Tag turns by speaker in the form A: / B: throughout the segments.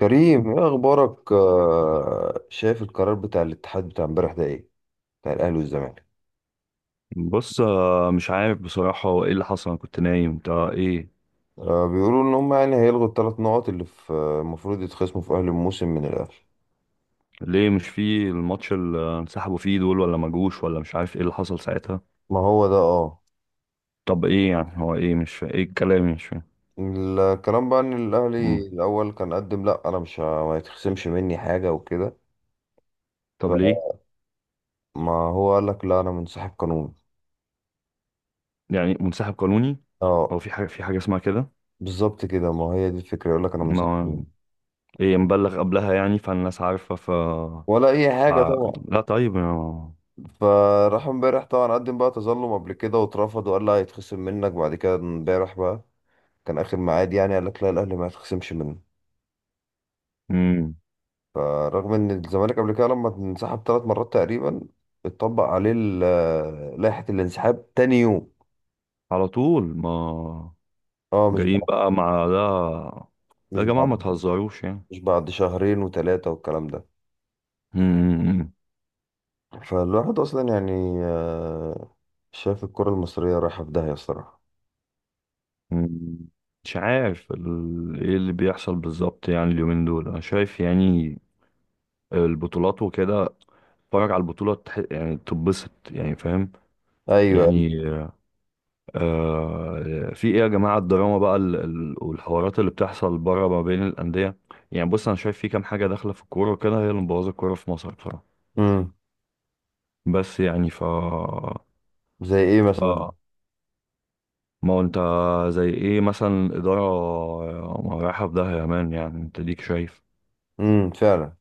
A: كريم، ايه اخبارك؟ شايف القرار بتاع الاتحاد بتاع امبارح ده، ايه بتاع الاهلي والزمالك؟
B: بص، مش عارف بصراحة، هو ايه اللي حصل؟ انا كنت نايم. انت ايه
A: بيقولوا ان هم يعني هيلغوا الثلاث نقط اللي في المفروض يتخصموا في اهل الموسم من الاهلي.
B: ليه مش في الماتش اللي انسحبوا فيه دول، ولا ما جوش، ولا مش عارف ايه اللي حصل ساعتها؟
A: ما هو ده. اه،
B: طب ايه يعني، هو ايه مش فا... ايه الكلام؟ مش فاهم.
A: الكلام بقى ان الاهلي
B: مم.
A: الاول كان قدم، لا انا مش ما يتخصمش مني حاجه وكده.
B: طب ليه؟
A: فما هو قال لك: لا، انا منسحب قانوني.
B: يعني منسحب قانوني. هو
A: اه،
B: في حاجة اسمها كده؟
A: بالظبط كده، ما هي دي الفكره. يقول لك انا منسحب
B: ما
A: قانوني.
B: ايه مبلغ قبلها يعني، فالناس عارفة.
A: ولا اي
B: ف-
A: حاجه طبعا.
B: لا طيب ما...
A: فراح امبارح طبعا، قدم بقى تظلم قبل كده واترفض، وقال لي هيتخصم منك بعد كده. امبارح بقى كان اخر ميعاد يعني، قال لك لا، الاهلي ما هيتخصمش منه.
B: مم.
A: فرغم ان الزمالك قبل كده، لما انسحب 3 مرات تقريبا، اتطبق عليه لائحة الانسحاب تاني يوم.
B: على طول. ما
A: اه، مش
B: جايين
A: بعد.
B: بقى مع ده؟ لا
A: مش
B: يا جماعة، ما
A: بعد.
B: تهزروش يعني.
A: مش بعد شهرين وثلاثة والكلام ده. فالواحد اصلا يعني، آه، شايف الكرة المصرية رايحة في داهية الصراحة.
B: مم، مش عارف ايه اللي بيحصل بالظبط، يعني اليومين دول انا شايف يعني البطولات وكده. اتفرج على البطولة يعني تتبسط، يعني فاهم؟
A: ايوه.
B: يعني، آه، في ايه يا جماعة؟ الدراما بقى والحوارات اللي بتحصل بره ما بين الأندية. يعني بص، انا شايف في كام حاجة داخلة في الكورة وكده، هي اللي مبوظة الكورة في مصر بصراحة.
A: امم.
B: بس يعني ف
A: زي ايه مثلا؟
B: ف ما هو انت، زي ايه مثلا؟ إدارة رايحة في داهية يا مان، يعني انت ليك شايف.
A: امم، فعلا.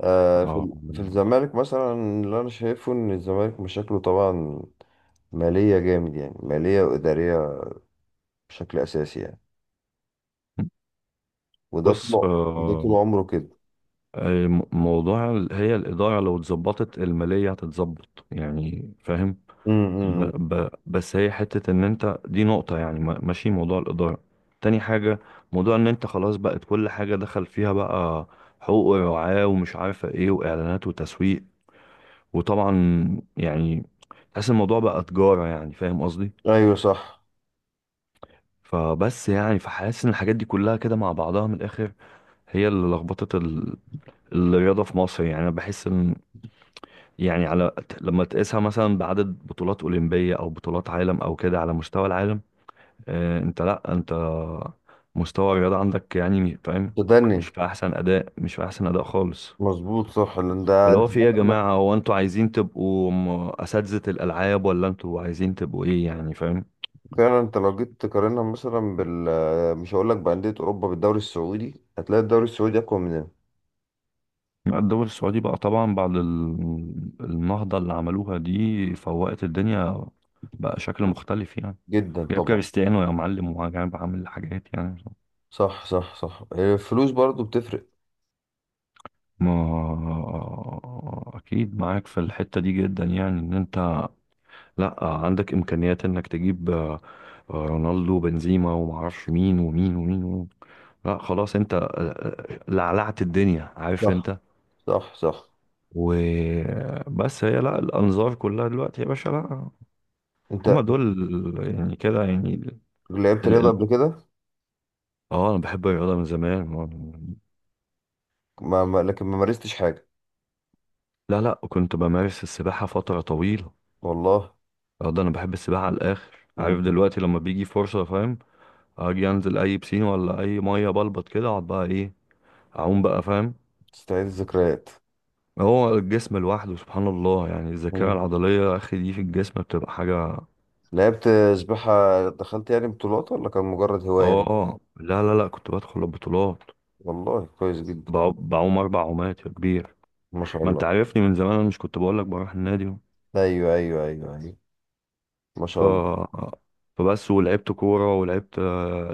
B: اه،
A: في الزمالك مثلا، اللي انا شايفه ان الزمالك مشاكله طبعا، ماليه جامد يعني، ماليه واداريه بشكل اساسي يعني. وده طول
B: بص،
A: ده طول عمره كده.
B: موضوع هي الإدارة، لو اتظبطت المالية هتتظبط، يعني فاهم؟ ب
A: امم.
B: ب بس هي حتة إن أنت، دي نقطة يعني، ماشي، موضوع الإدارة. تاني حاجة، موضوع إن أنت خلاص بقت كل حاجة دخل فيها بقى، حقوق ورعاة ومش عارفة إيه وإعلانات وتسويق، وطبعا يعني تحس الموضوع بقى تجارة، يعني فاهم قصدي؟
A: ايوه صح.
B: فبس يعني، فحاسس إن الحاجات دي كلها كده مع بعضها من الآخر هي اللي لخبطت الرياضة في مصر. يعني أنا بحس إن، يعني، على، لما تقيسها مثلا بعدد بطولات أولمبية أو بطولات عالم أو كده على مستوى العالم، أنت، لأ، أنت مستوى الرياضة عندك، يعني فاهم؟
A: تدني.
B: مش في أحسن أداء، مش في أحسن أداء خالص.
A: مظبوط، صح، لان ده
B: اللي
A: انت.
B: هو في إيه يا
A: فعلا،
B: جماعة، هو أنتوا عايزين تبقوا أساتذة الألعاب، ولا أنتوا عايزين تبقوا إيه؟ يعني فاهم؟
A: فعلا، انت لو جيت تقارنها مثلا مش هقول لك بانديه اوروبا، بالدوري السعودي، هتلاقي الدوري السعودي اقوى مننا.
B: لا، الدوري السعودي بقى طبعا بعد النهضة اللي عملوها دي، فوقت الدنيا، بقى شكل مختلف يعني.
A: جدا
B: جايب
A: طبعا.
B: كريستيانو يا معلم، وجايب، عامل حاجات يعني.
A: صح، صح، صح. الفلوس برضو بتفرق.
B: ما اكيد معاك في الحتة دي جدا، يعني ان انت لا، عندك امكانيات انك تجيب، رونالدو، بنزيما، ومعرفش مين ومين ومين, ومين. لا خلاص انت، لعلعت الدنيا، عارف
A: صح،
B: انت.
A: صح، صح.
B: وبس هي لا، الانظار كلها دلوقتي يا باشا، لا،
A: انت
B: هما دول. يعني كده يعني
A: لعبت
B: ال...
A: رياضه
B: ال-
A: قبل كده؟
B: اه، انا بحب الرياضة من زمان.
A: لكن ما مارستش حاجة.
B: لا لا، كنت بمارس السباحة فترة طويلة.
A: والله.
B: اه، ده انا بحب السباحه على الاخر، عارف؟
A: مم.
B: دلوقتي لما بيجي فرصه، فاهم؟ اجي انزل اي بسين ولا اي ميه، بلبط كده اقعد بقى ايه، اعوم بقى، فاهم؟
A: تستعيد الذكريات.
B: هو الجسم لوحده سبحان الله، يعني الذاكره
A: مم.
B: العضليه يا اخي دي في الجسم بتبقى حاجه.
A: لعبت سباحة، دخلت يعني بطولات ولا كان مجرد هواية؟
B: اه، لا لا لا، كنت بدخل البطولات.
A: والله كويس جدا.
B: بعوم اربع عومات يا كبير.
A: ما شاء
B: ما انت
A: الله.
B: عارفني من زمان، انا مش كنت بقول لك بروح النادي؟
A: أيوه، أيوه، أيوه، أيوه. ما
B: ف
A: شاء الله.
B: فبس ولعبت كوره، ولعبت،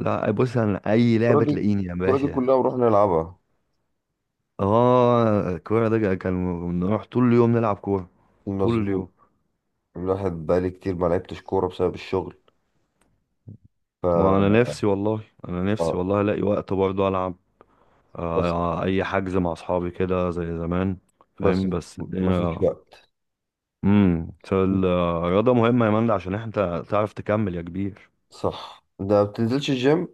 B: لا بص، انا اي
A: الكورة
B: لعبه
A: دي
B: تلاقيني يا
A: الكورة دي
B: باشا.
A: كلها بنروح نلعبها.
B: اه، الكورة ده كان بنروح طول اليوم نلعب كورة، طول اليوم.
A: مظبوط. الواحد بقالي كتير ما لعبتش كورة بسبب الشغل.
B: ما انا
A: ف
B: نفسي والله، انا نفسي
A: آه،
B: والله الاقي وقت برضه العب.
A: بس
B: اي حجز مع اصحابي كده، زي زمان،
A: بس
B: فاهم؟ بس
A: ما فيش
B: الدنيا.
A: وقت.
B: الرياضة مهمة يا مندي، عشان انت تعرف تكمل يا كبير.
A: صح، ده ما بتنزلش الجيم؟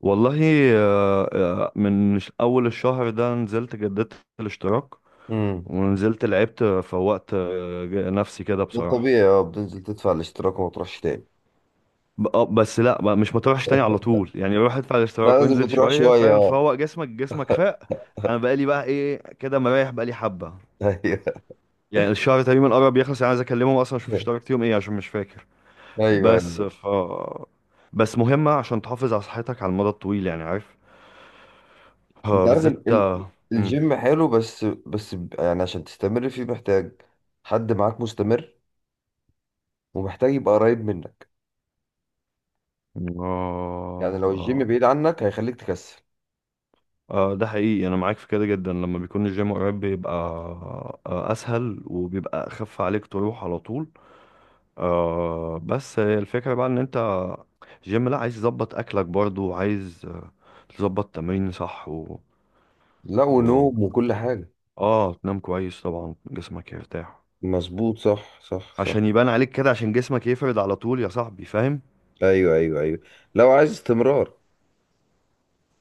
B: والله، من اول الشهر ده، نزلت، جددت الاشتراك،
A: امم.
B: ونزلت لعبت، فوقت نفسي كده
A: ده
B: بصراحة.
A: طبيعي. اه، بتنزل تدفع الاشتراك وما تروحش تاني.
B: اه، بس لا، مش ما تروحش تاني على طول يعني. روح ادفع
A: لا،
B: الاشتراك
A: لازم
B: وانزل
A: بتروح
B: شويه،
A: شوية
B: فاهم؟
A: اه.
B: فوق جسمك، جسمك فاق. انا بقالي بقى ايه كده، مريح بقالي حبه،
A: ايوه،
B: يعني الشهر تقريبا قرب يخلص، يعني عايز اكلمهم اصلا، اشوف اشتركت يوم ايه، عشان مش فاكر.
A: ايوه،
B: بس
A: ايوه.
B: ف بس مهمه عشان تحافظ على صحتك على المدى الطويل يعني، عارف؟
A: انت
B: اه
A: عارف.
B: بالذات اه. مم.
A: الجيم حلو، يعني عشان تستمر فيه محتاج حد معاك مستمر، ومحتاج يبقى قريب منك. يعني لو الجيم بعيد
B: اه،
A: عنك هيخليك تكسل.
B: ده حقيقي، انا معاك في كده جدا. لما بيكون الجيم قريب بيبقى اسهل، وبيبقى اخف عليك تروح على طول. آه، بس هي الفكرة بقى ان انت جيم، لا عايز تظبط اكلك برضو، عايز تظبط تمرين صح و...
A: لا،
B: و...
A: ونوم وكل حاجة.
B: اه، تنام كويس طبعا، جسمك يرتاح،
A: مظبوط، صح، صح، صح.
B: عشان يبان عليك كده، عشان جسمك يفرد على طول يا صاحبي، فاهم؟
A: ايوه، ايوه، ايوه. لو عايز استمرار،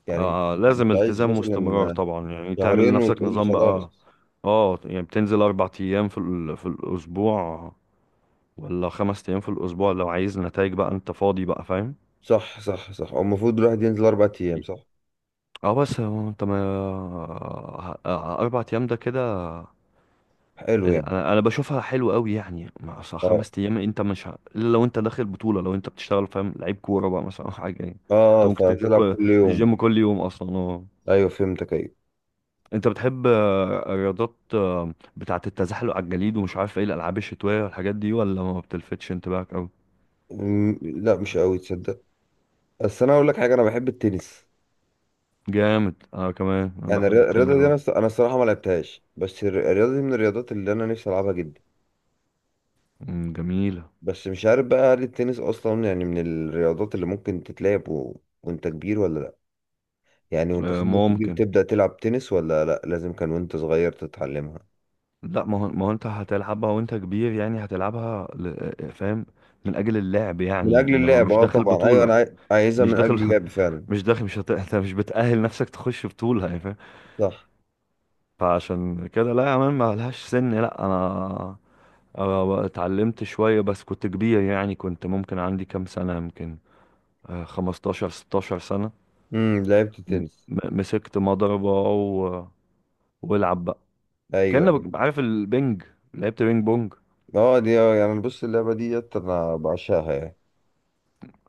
A: يعني
B: آه
A: مش
B: لازم
A: عايز
B: التزام واستمرار
A: مثلا
B: طبعا، يعني تعمل
A: شهرين
B: لنفسك
A: وتقول لي
B: نظام بقى.
A: خلاص.
B: اه، يعني بتنزل اربع ايام في في الاسبوع، ولا خمس ايام في الاسبوع؟ لو عايز نتائج بقى، انت فاضي بقى، فاهم؟
A: صح، صح، صح. هو المفروض الواحد ينزل 4 ايام، صح؟
B: اه، بس هو انت ما ه- اربع ايام ده كده،
A: حلو يعني.
B: انا انا بشوفها حلو قوي يعني، مع أصل
A: اه،
B: خمس ايام انت مش الا لو انت داخل بطوله، لو انت بتشتغل فاهم لعيب كوره بقى مثلا، او حاجه يعني. انت
A: اه،
B: ممكن تنزل
A: فتلعب كل يوم.
B: الجيم كل يوم اصلا اه.
A: ايوه، فهمتك. ايوه.
B: انت بتحب الرياضات، بتاعه التزحلق على الجليد، ومش عارف ايه الالعاب الشتويه والحاجات دي، ولا ما بتلفتش انتباهك قوي؟
A: أمم، لا، مش قوي تصدق. بس انا اقول لك حاجه، انا بحب التنس.
B: جامد، انا كمان انا
A: يعني
B: بحب
A: الرياضه
B: التنس
A: دي،
B: برضه.
A: انا الصراحه ما لعبتهاش. بس الرياضه دي من الرياضات اللي انا نفسي العبها جدا.
B: جميله.
A: بس مش عارف بقى هل التنس اصلا يعني من الرياضات اللي ممكن تتلعب وانت كبير ولا لا؟ يعني وانت سنك كبير
B: ممكن.
A: تبدا تلعب تنس، ولا لا لازم كان وانت صغير تتعلمها؟
B: لا ما هو انت هتلعبها وانت كبير يعني، هتلعبها فاهم؟ من اجل اللعب
A: من
B: يعني،
A: اجل
B: انما
A: اللعب.
B: مش
A: اه،
B: داخل
A: طبعا. ايوه،
B: بطولة.
A: انا عايزها
B: مش
A: من اجل
B: داخل.
A: اللعب فعلا.
B: مش داخل، مش هت... انت مش بتأهل نفسك تخش بطولة، يعني فاهم؟
A: صح.
B: فعشان كده لا يا مان، ما لهاش سن. لا أنا اتعلمت شوية بس كنت كبير، يعني كنت ممكن عندي كام سنة يمكن، 15 16 سنة.
A: امم، لعبت
B: م-
A: تنس.
B: مسكت مضربة و... والعب بقى.
A: ايوه، أيوة.
B: كأنك عارف البنج، لعبت بينج بونج.
A: اه، دي يعني بص، اللعبه ديت انا بعشقها يعني.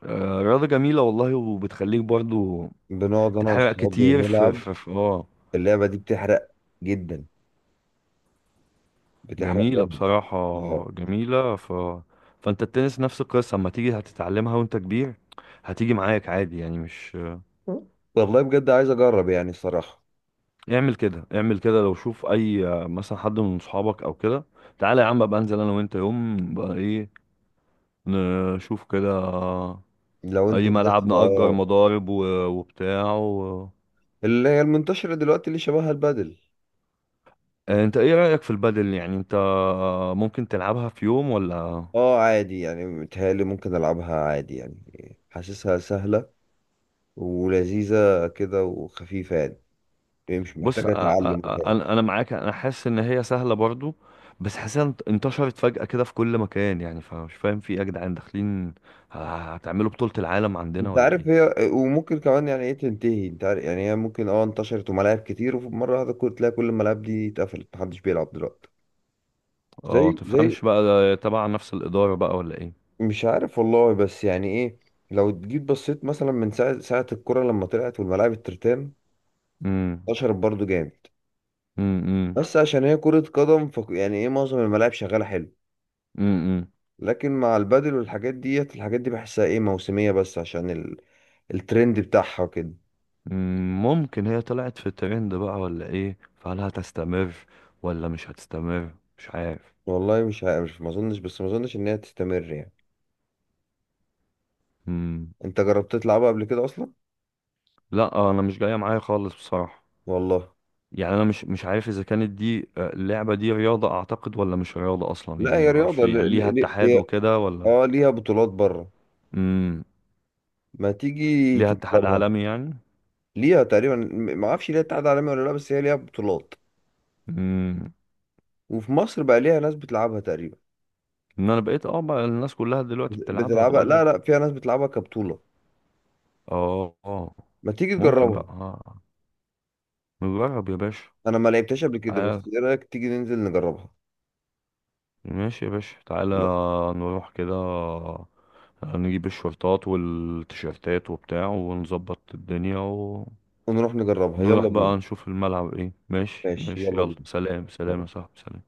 B: آه، رياضة جميلة والله، وبتخليك برضو
A: بنقعد انا
B: تحرق
A: واصحابي
B: كتير
A: نلعب.
B: اه،
A: اللعبه دي بتحرق جدا. بتحرق
B: جميلة
A: جامد. اه.
B: بصراحة، جميلة. فانت التنس نفس القصة، اما تيجي هتتعلمها وانت كبير، هتيجي معاك عادي يعني، مش،
A: والله بجد عايز اجرب يعني الصراحه.
B: اعمل كده، اعمل كده لو شوف اي، مثلا حد من صحابك او كده، تعالى يا عم، ابقى انزل انا وانت يوم بقى ايه، نشوف كده،
A: لو انت
B: اي
A: لسه
B: ملعب، نأجر
A: اه.
B: مضارب وبتاع و...
A: اللي هي المنتشره دلوقتي اللي شبهها البادل.
B: انت ايه رأيك في البادل؟ يعني انت ممكن تلعبها في يوم ولا؟
A: اه، عادي يعني، متهيألي ممكن العبها عادي، يعني حاسسها سهله ولذيذه كده وخفيفه يعني. مش
B: بص،
A: محتاجه تعلم متهيألي.
B: انا، انا معاك، انا حاسس ان هي سهله برضو، بس حاسسها انتشرت فجاه كده في كل مكان، يعني فمش فاهم في ايه يا جدعان، داخلين هتعملوا بطوله العالم عندنا
A: انت
B: ولا ايه؟
A: عارف، هي وممكن كمان يعني ايه تنتهي. انت عارف يعني، هي ممكن، اه، انتشرت وملاعب كتير ومره واحده تلاقي كل الملاعب دي اتقفلت، محدش بيلعب دلوقتي. زي،
B: اه
A: زي.
B: تفهمش بقى، ده تبع نفس الاداره بقى ولا ايه؟
A: مش عارف والله، بس يعني ايه، لو جيت بصيت مثلا من ساعة الكرة لما طلعت، والملاعب الترتان
B: امم.
A: انتشرت برضو جامد.
B: امم.
A: بس عشان هي كرة قدم ف يعني ايه، معظم الملاعب شغالة حلو.
B: امم.
A: لكن مع البادل والحاجات ديت، الحاجات دي بحسها ايه، موسمية بس عشان الترند بتاعها كده.
B: ممكن هي طلعت في ترند بقى ولا ايه، فهل هتستمر ولا مش هتستمر؟ مش عارف.
A: والله مش عارف، ما اظنش، بس ما اظنش ان هي تستمر يعني.
B: امم
A: انت جربت تلعبها قبل كده اصلا؟
B: لا، انا مش جايه معايا خالص بصراحه،
A: والله.
B: يعني انا مش، مش عارف اذا كانت دي اللعبه دي رياضه اعتقد، ولا مش رياضه اصلا،
A: لا،
B: يعني
A: هي
B: ما اعرفش
A: رياضة.
B: يعني ليها اتحاد وكده ولا؟
A: اه، ليها بطولات بره.
B: امم
A: ما تيجي
B: ليها اتحاد
A: تجربها؟
B: عالمي يعني؟
A: ليها تقريبا، ما اعرفش ليها اتحاد عالمي ولا لا، بس هي ليها بطولات.
B: امم
A: وفي مصر بقى ليها ناس بتلعبها تقريبا.
B: انا بقيت اه بقى، الناس كلها دلوقتي
A: بت-
B: بتلعبها،
A: بتلعبها
B: بقول لك.
A: لا لا، فيها ناس بتلعبها كبطولة.
B: اه اه.
A: ما تيجي
B: ممكن
A: تجربها؟
B: بقى، آه. نجرب يا باشا.
A: انا ما لعبتهاش قبل كده،
B: تعال،
A: بس ايه رأيك تيجي ننزل نجربها؟
B: ماشي يا باشا، تعالى،
A: يلا،
B: نروح كده، نجيب الشورتات والتيشيرتات وبتاع، ونظبط الدنيا،
A: ونروح نجربها.
B: نروح
A: يلا بينا.
B: بقى نشوف الملعب ايه. ماشي
A: ماشي
B: ماشي
A: يلا
B: يلا،
A: بينا.
B: سلام سلام يا
A: سلام.
B: صاحبي، سلام.